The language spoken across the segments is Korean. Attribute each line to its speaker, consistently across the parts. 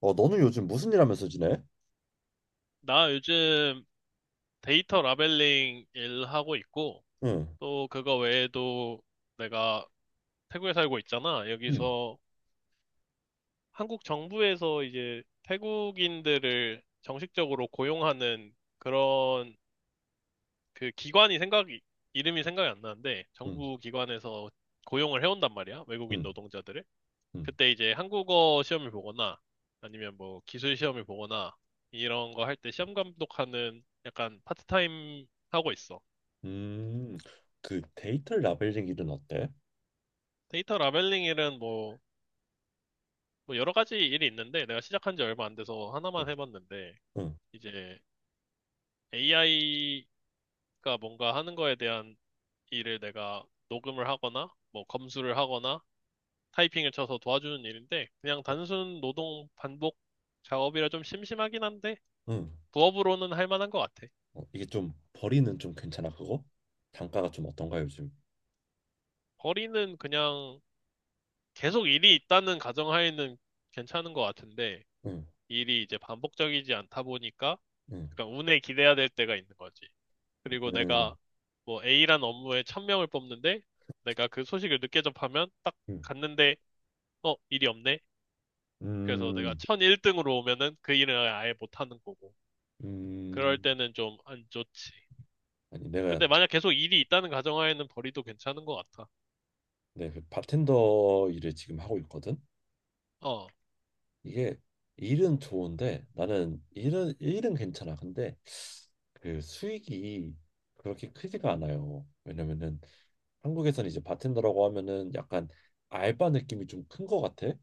Speaker 1: 어, 너는 요즘 무슨 일 하면서 지내?
Speaker 2: 나 요즘 데이터 라벨링 일하고 있고,
Speaker 1: 응,
Speaker 2: 또 그거 외에도 내가 태국에 살고 있잖아.
Speaker 1: 응.
Speaker 2: 여기서 한국 정부에서 이제 태국인들을 정식적으로 고용하는 그런 그 기관이 생각이, 이름이 생각이 안 나는데,
Speaker 1: 응,
Speaker 2: 정부 기관에서 고용을 해온단 말이야. 외국인
Speaker 1: 응,
Speaker 2: 노동자들을.
Speaker 1: 응.
Speaker 2: 그때 이제 한국어 시험을 보거나, 아니면 뭐 기술 시험을 보거나, 이런 거 할 때 시험 감독하는 약간 파트타임 하고 있어.
Speaker 1: 음, 그 데이터 라벨링 일은 어때?
Speaker 2: 데이터 라벨링 일은 뭐, 뭐 여러 가지 일이 있는데 내가 시작한 지 얼마 안 돼서
Speaker 1: 응,
Speaker 2: 하나만 해봤는데
Speaker 1: 응,
Speaker 2: 이제 AI가 뭔가 하는 거에 대한 일을 내가 녹음을 하거나 뭐 검수를 하거나 타이핑을 쳐서 도와주는 일인데 그냥 단순 노동 반복 작업이라 좀 심심하긴 한데
Speaker 1: 응.
Speaker 2: 부업으로는 할 만한 것 같아.
Speaker 1: 어, 이게 좀 벌이는 좀 괜찮아, 그거? 단가가 좀 어떤가 요즘?
Speaker 2: 거리는 그냥 계속 일이 있다는 가정하에는 괜찮은 것 같은데
Speaker 1: 응,
Speaker 2: 일이 이제 반복적이지 않다 보니까
Speaker 1: 응,
Speaker 2: 그러니까 운에 기대야 될 때가 있는 거지. 그리고
Speaker 1: 응,
Speaker 2: 내가 뭐 A란 업무에 1000명을 뽑는데 내가 그 소식을 늦게 접하면 딱
Speaker 1: 응.
Speaker 2: 갔는데 어, 일이 없네. 그래서 내가
Speaker 1: 음,
Speaker 2: 1001등으로 오면은 그 일을 아예 못하는 거고. 그럴
Speaker 1: 음.
Speaker 2: 때는 좀 안 좋지.
Speaker 1: 아니, 내가
Speaker 2: 근데 만약 계속 일이 있다는 가정하에는 벌이도 괜찮은 것 같아.
Speaker 1: 내그 바텐더 일을 지금 하고 있거든.
Speaker 2: 어,
Speaker 1: 이게 일은 좋은데, 나는 일은 괜찮아. 근데 그 수익이 그렇게 크지가 않아요. 왜냐면은 한국에서는 이제 바텐더라고 하면은 약간 알바 느낌이 좀 큰 것 같아.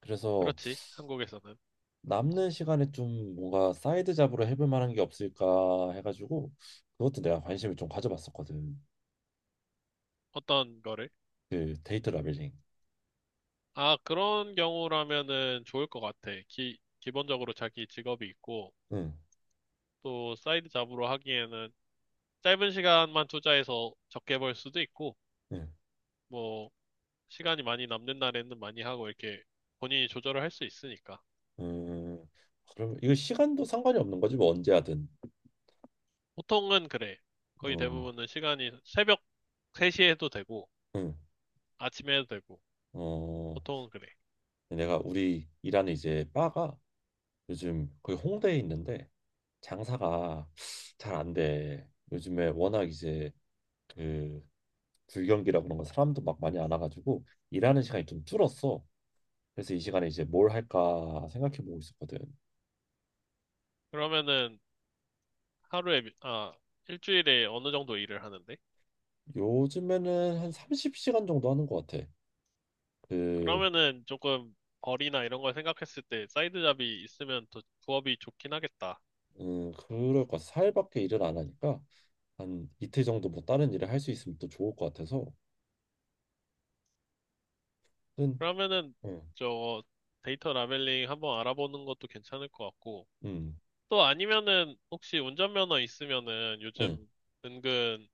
Speaker 1: 그래서
Speaker 2: 그렇지. 한국에서는.
Speaker 1: 남는 시간에 좀 뭔가 사이드 잡으로 해볼 만한 게 없을까 해가지고 그것도 내가 관심을 좀 가져봤었거든.
Speaker 2: 어떤 거를?
Speaker 1: 그 데이터 라벨링.
Speaker 2: 아, 그런 경우라면은 좋을 것 같아. 기본적으로 자기 직업이 있고
Speaker 1: 응,
Speaker 2: 또 사이드 잡으로 하기에는 짧은 시간만 투자해서 적게 벌 수도 있고,
Speaker 1: 응,
Speaker 2: 뭐, 시간이 많이 남는 날에는 많이 하고 이렇게 본인이 조절을 할 수 있으니까.
Speaker 1: 음. 그럼 이거 시간도 상관이 없는 거지, 뭐 언제 하든.
Speaker 2: 보통은 그래. 거의
Speaker 1: 어,
Speaker 2: 대부분은 시간이 새벽 3시에 해도 되고,
Speaker 1: 응,
Speaker 2: 아침에 해도 되고,
Speaker 1: 어.
Speaker 2: 보통은 그래.
Speaker 1: 내가 우리 일하는 이제 바가 요즘 거기 홍대에 있는데 장사가 잘 안 돼. 요즘에 워낙 이제 그 불경기라 그런 거 사람도 막 많이 안 와가지고 일하는 시간이 좀 줄었어. 그래서 이 시간에 이제 뭘 할까 생각해 보고 있었거든.
Speaker 2: 그러면은 하루에, 미- 아, 일주일에 어느 정도 일을 하는데?
Speaker 1: 요즘에는 한 30시간 정도 하는 것 같아. 그,
Speaker 2: 그러면은 조금 벌이나 이런 걸 생각했을 때 사이드 잡이 있으면 더 부업이 좋긴 하겠다.
Speaker 1: 그럴 것 같아. 4일밖에 일을 안 하니까 한 이틀 정도 뭐 다른 일을 할 수 있으면 또 좋을 것 같아서. 음,
Speaker 2: 그러면은
Speaker 1: 음,
Speaker 2: 저 데이터 라벨링 한번 알아보는 것도 괜찮을 것 같고,
Speaker 1: 음,
Speaker 2: 또 아니면은 혹시 운전면허 있으면은
Speaker 1: 음,
Speaker 2: 요즘 은근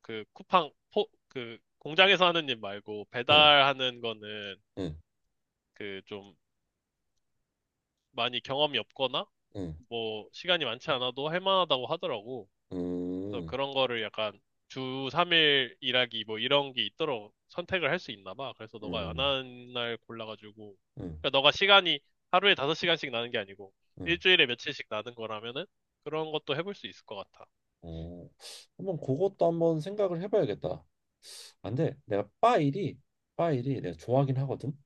Speaker 2: 그 그 공장에서 하는 일 말고
Speaker 1: 음,
Speaker 2: 배달하는 거는
Speaker 1: 음,
Speaker 2: 그 좀 많이 경험이 없거나
Speaker 1: 음,
Speaker 2: 뭐 시간이 많지 않아도 할 만하다고 하더라고. 그래서
Speaker 1: 음,
Speaker 2: 그런 거를 약간 주 3일 일하기 뭐 이런 게 있도록 선택을 할 수 있나 봐. 그래서 너가 안
Speaker 1: 음,
Speaker 2: 하는 날 골라가지고
Speaker 1: 음,
Speaker 2: 그러니까 너가 시간이 하루에 5시간씩 나는 게 아니고
Speaker 1: 음.
Speaker 2: 일주일에 며칠씩 나는 거라면은 그런 것도 해볼 수 있을 것 같아.
Speaker 1: 어, 한번 그것도 한번 생각을 해봐야겠다. 안 돼. 내가 바 일이 내가 좋아하긴 하거든.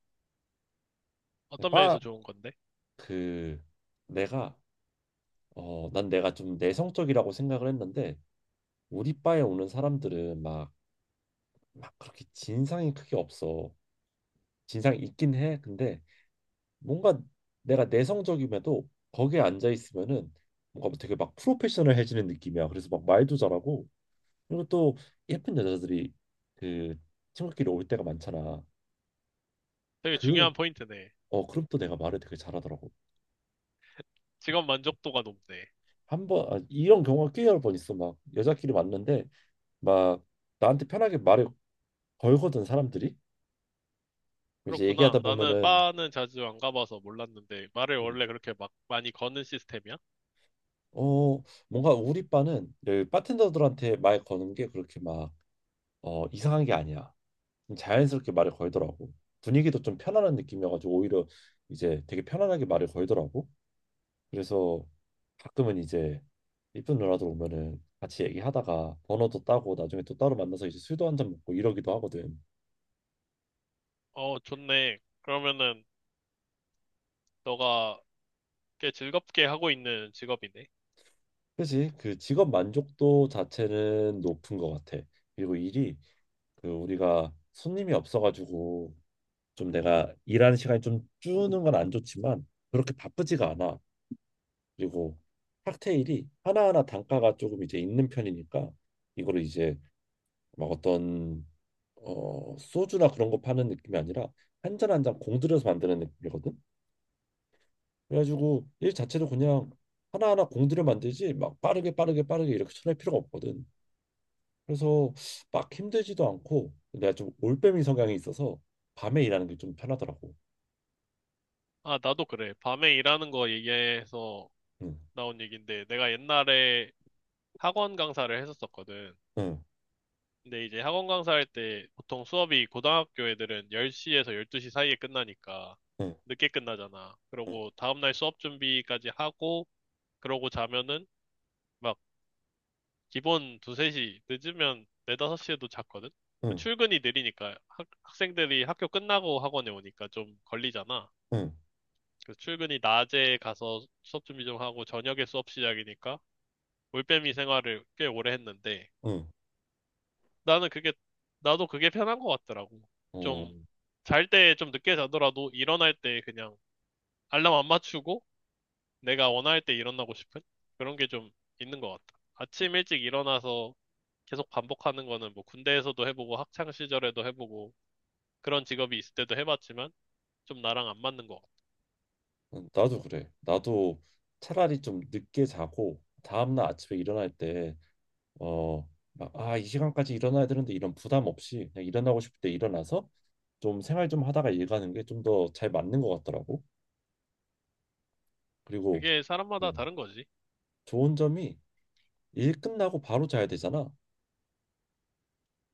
Speaker 2: 어떤 면에서
Speaker 1: 바,
Speaker 2: 좋은 건데?
Speaker 1: 그, 내가, 어, 난 내가 좀 내성적이라고 생각을 했는데 우리 바에 오는 사람들은 막 그렇게 진상이 크게 없어. 진상이 있긴 해. 근데 뭔가 내가 내성적임에도 거기에 앉아 있으면은 뭔가 되게 막 프로페셔널해지는 느낌이야. 그래서 막 말도 잘하고, 그리고 또 예쁜 여자들이 그 친구끼리 올 때가 많잖아.
Speaker 2: 되게
Speaker 1: 그,
Speaker 2: 중요한 포인트네.
Speaker 1: 어, 그럼 또 내가 말을 되게 잘하더라고.
Speaker 2: 직업 만족도가 높네.
Speaker 1: 한 번, 아, 이런 경우가 꽤 여러 번 있어. 막 여자끼리 만났는데 막 나한테 편하게 말을 걸거든, 사람들이. 이제
Speaker 2: 그렇구나.
Speaker 1: 얘기하다
Speaker 2: 나는
Speaker 1: 보면은,
Speaker 2: 바는 자주 안 가봐서 몰랐는데 말을
Speaker 1: 음,
Speaker 2: 원래 그렇게 막 많이 거는 시스템이야?
Speaker 1: 어, 뭔가 우리 바는 여기 바텐더들한테 말 거는 게 그렇게 막, 어, 이상한 게 아니야. 자연스럽게 말을 걸더라고. 분위기도 좀 편안한 느낌이어가지고 오히려 이제 되게 편안하게 말을 걸더라고. 그래서 가끔은 이제 이쁜 누나들 오면은 같이 얘기하다가 번호도 따고 나중에 또 따로 만나서 이제 술도 한잔 먹고 이러기도 하거든.
Speaker 2: 어, 좋네. 그러면은 너가 꽤 즐겁게 하고 있는 직업이네.
Speaker 1: 그지? 그 직업 만족도 자체는 높은 것 같아. 그리고 일이 그 우리가 손님이 없어가지고 좀 내가 일하는 시간이 좀 주는 건 안 좋지만 그렇게 바쁘지가 않아. 그리고 칵테일이 하나하나 단가가 조금 이제 있는 편이니까 이거를 이제 막 어떤, 어, 소주나 그런 거 파는 느낌이 아니라 한 잔 한 잔 공들여서 만드는 느낌이거든. 그래가지고 일 자체도 그냥 하나하나 공들여 만들지 막 빠르게 빠르게 빠르게 이렇게 쳐낼 필요가 없거든. 그래서 막 힘들지도 않고 내가 좀 올빼미 성향이 있어서 밤에 일하는 게 좀 편하더라고.
Speaker 2: 아, 나도 그래. 밤에 일하는 거 얘기해서
Speaker 1: 응,
Speaker 2: 나온 얘기인데 내가 옛날에 학원 강사를 했었었거든.
Speaker 1: 응,
Speaker 2: 근데 이제 학원 강사할 때 보통 수업이 고등학교 애들은 10시에서 12시 사이에 끝나니까
Speaker 1: 응,
Speaker 2: 늦게 끝나잖아. 그러고 다음날 수업 준비까지 하고 그러고 자면은 막 기본 두세 시 늦으면 네다섯 시에도 잤거든.
Speaker 1: 응,
Speaker 2: 출근이 느리니까 학생들이 학교 끝나고 학원에 오니까 좀 걸리잖아.
Speaker 1: 응,
Speaker 2: 그래서 출근이 낮에 가서 수업 준비 좀 하고 저녁에 수업 시작이니까 올빼미 생활을 꽤 오래 했는데
Speaker 1: 응.
Speaker 2: 나는 그게, 나도 그게 편한 것 같더라고.
Speaker 1: 어,
Speaker 2: 좀, 잘 때 좀 늦게 자더라도 일어날 때 그냥 알람 안 맞추고 내가 원할 때 일어나고 싶은 그런 게 좀 있는 것 같다. 아침 일찍 일어나서 계속 반복하는 거는 뭐 군대에서도 해보고 학창 시절에도 해보고 그런 직업이 있을 때도 해봤지만 좀 나랑 안 맞는 것 같아.
Speaker 1: 응, 나도 그래. 나도 차라리 좀 늦게 자고 다음날 아침에 일어날 때, 어, 막, 아, 이 시간까지 일어나야 되는데 이런 부담 없이 그냥 일어나고 싶을 때 일어나서 좀 생활 좀 하다가 일 가는 게 좀 더 잘 맞는 것 같더라고. 그리고,
Speaker 2: 그게 사람마다
Speaker 1: 음,
Speaker 2: 다른 거지.
Speaker 1: 좋은 점이 일 끝나고 바로 자야 되잖아.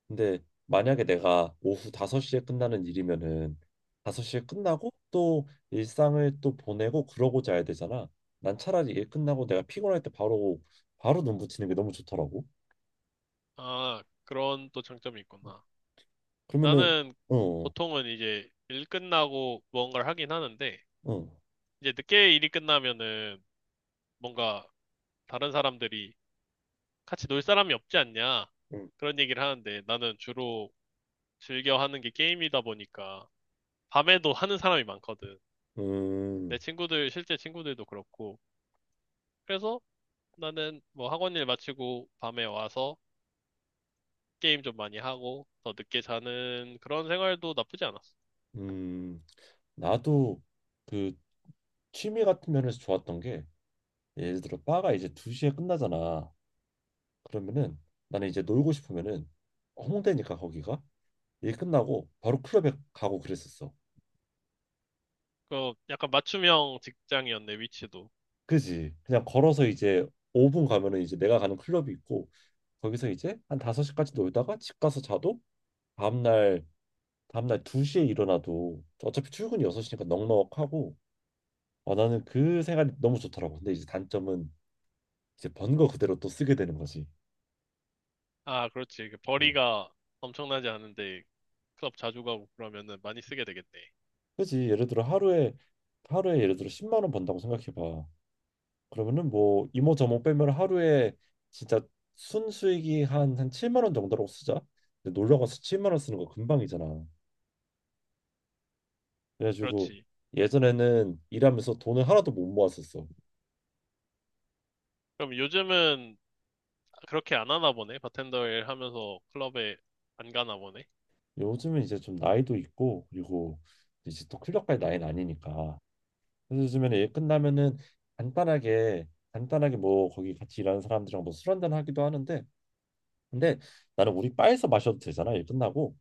Speaker 1: 근데 만약에 내가 오후 5시에 끝나는 일이면은 5시에 끝나고 또 일상을 또 보내고 그러고 자야 되잖아. 난 차라리 일 끝나고 내가 피곤할 때 바로 눈 붙이는 게 너무 좋더라고.
Speaker 2: 아, 그런 또 장점이 있구나.
Speaker 1: 그러면은,
Speaker 2: 나는
Speaker 1: 어,
Speaker 2: 보통은 이제 일 끝나고 무언가를 하긴 하는데
Speaker 1: 어,
Speaker 2: 이제 늦게 일이 끝나면은 뭔가 다른 사람들이 같이 놀 사람이 없지 않냐
Speaker 1: 음,
Speaker 2: 그런 얘기를 하는데 나는 주로 즐겨 하는 게 게임이다 보니까 밤에도 하는 사람이 많거든. 내
Speaker 1: 음,
Speaker 2: 친구들 실제 친구들도 그렇고 그래서 나는 뭐 학원 일 마치고 밤에 와서 게임 좀 많이 하고 더 늦게 자는 그런 생활도 나쁘지 않았어.
Speaker 1: 음, 나도, 그, 취미 같은 면에서 좋았던 게 예를 들어 바가 이제 2시에 끝나잖아. 그러면은 나는 이제 놀고 싶으면은 홍대니까 거기가 일 끝나고 바로 클럽에 가고 그랬었어.
Speaker 2: 그 약간 맞춤형 직장이었네 위치도.
Speaker 1: 그지? 그냥 걸어서 이제 5분 가면은 이제 내가 가는 클럽이 있고 거기서 이제 한 5시까지 놀다가 집 가서 자도 다음날 다음날 2시에 일어나도 어차피 출근이 6시니까 넉넉하고. 아, 나는 그 생활이 너무 좋더라고. 근데 이제 단점은 이제 번 거 그대로 또 쓰게 되는 거지.
Speaker 2: 아 그렇지 그
Speaker 1: 음.
Speaker 2: 벌이가 엄청나지 않은데 클럽 자주 가고 그러면은 많이 쓰게 되겠네.
Speaker 1: 그지? 예를 들어 하루에 예를 들어 10만 원 번다고 생각해 봐. 그러면은 뭐 이모 저모 빼면 하루에 진짜 순수익이 한 7만 원 정도라고 쓰자. 근데 놀러 가서 7만 원 쓰는 거 금방이잖아. 그래가지고
Speaker 2: 그렇지.
Speaker 1: 예전에는 일하면서 돈을 하나도 못 모았었어.
Speaker 2: 그럼 요즘은 그렇게 안 하나 보네. 바텐더 일 하면서 클럽에 안 가나 보네.
Speaker 1: 요즘은 이제 좀 나이도 있고, 그리고 이제 또 클럽까지 나이는 아니니까. 그래서 요즘에는 일 끝나면은 간단하게 간단하게 뭐 거기 같이 일하는 사람들이랑 뭐 술 한잔 하기도 하는데, 근데 나는 우리 바에서 마셔도 되잖아 일 끝나고.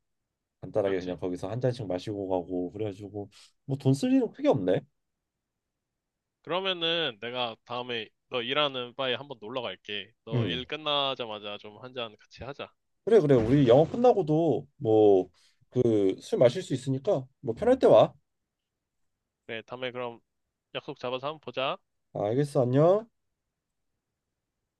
Speaker 1: 간단하게 그냥
Speaker 2: 그렇지.
Speaker 1: 거기서 한 잔씩 마시고 가고 그래가지고 뭐 돈 쓸 일은 크게 없네.
Speaker 2: 그러면은 내가 다음에 너 일하는 바에 한번 놀러 갈게. 너
Speaker 1: 음.
Speaker 2: 일 끝나자마자 좀 한 잔 같이 하자.
Speaker 1: 그래, 그래, 우리 영업 끝나고도 뭐 그 술 마실 수 있으니까 뭐 편할 때 와.
Speaker 2: 그래, 다음에 그럼 약속 잡아서 한번 보자.
Speaker 1: 알겠어. 안녕.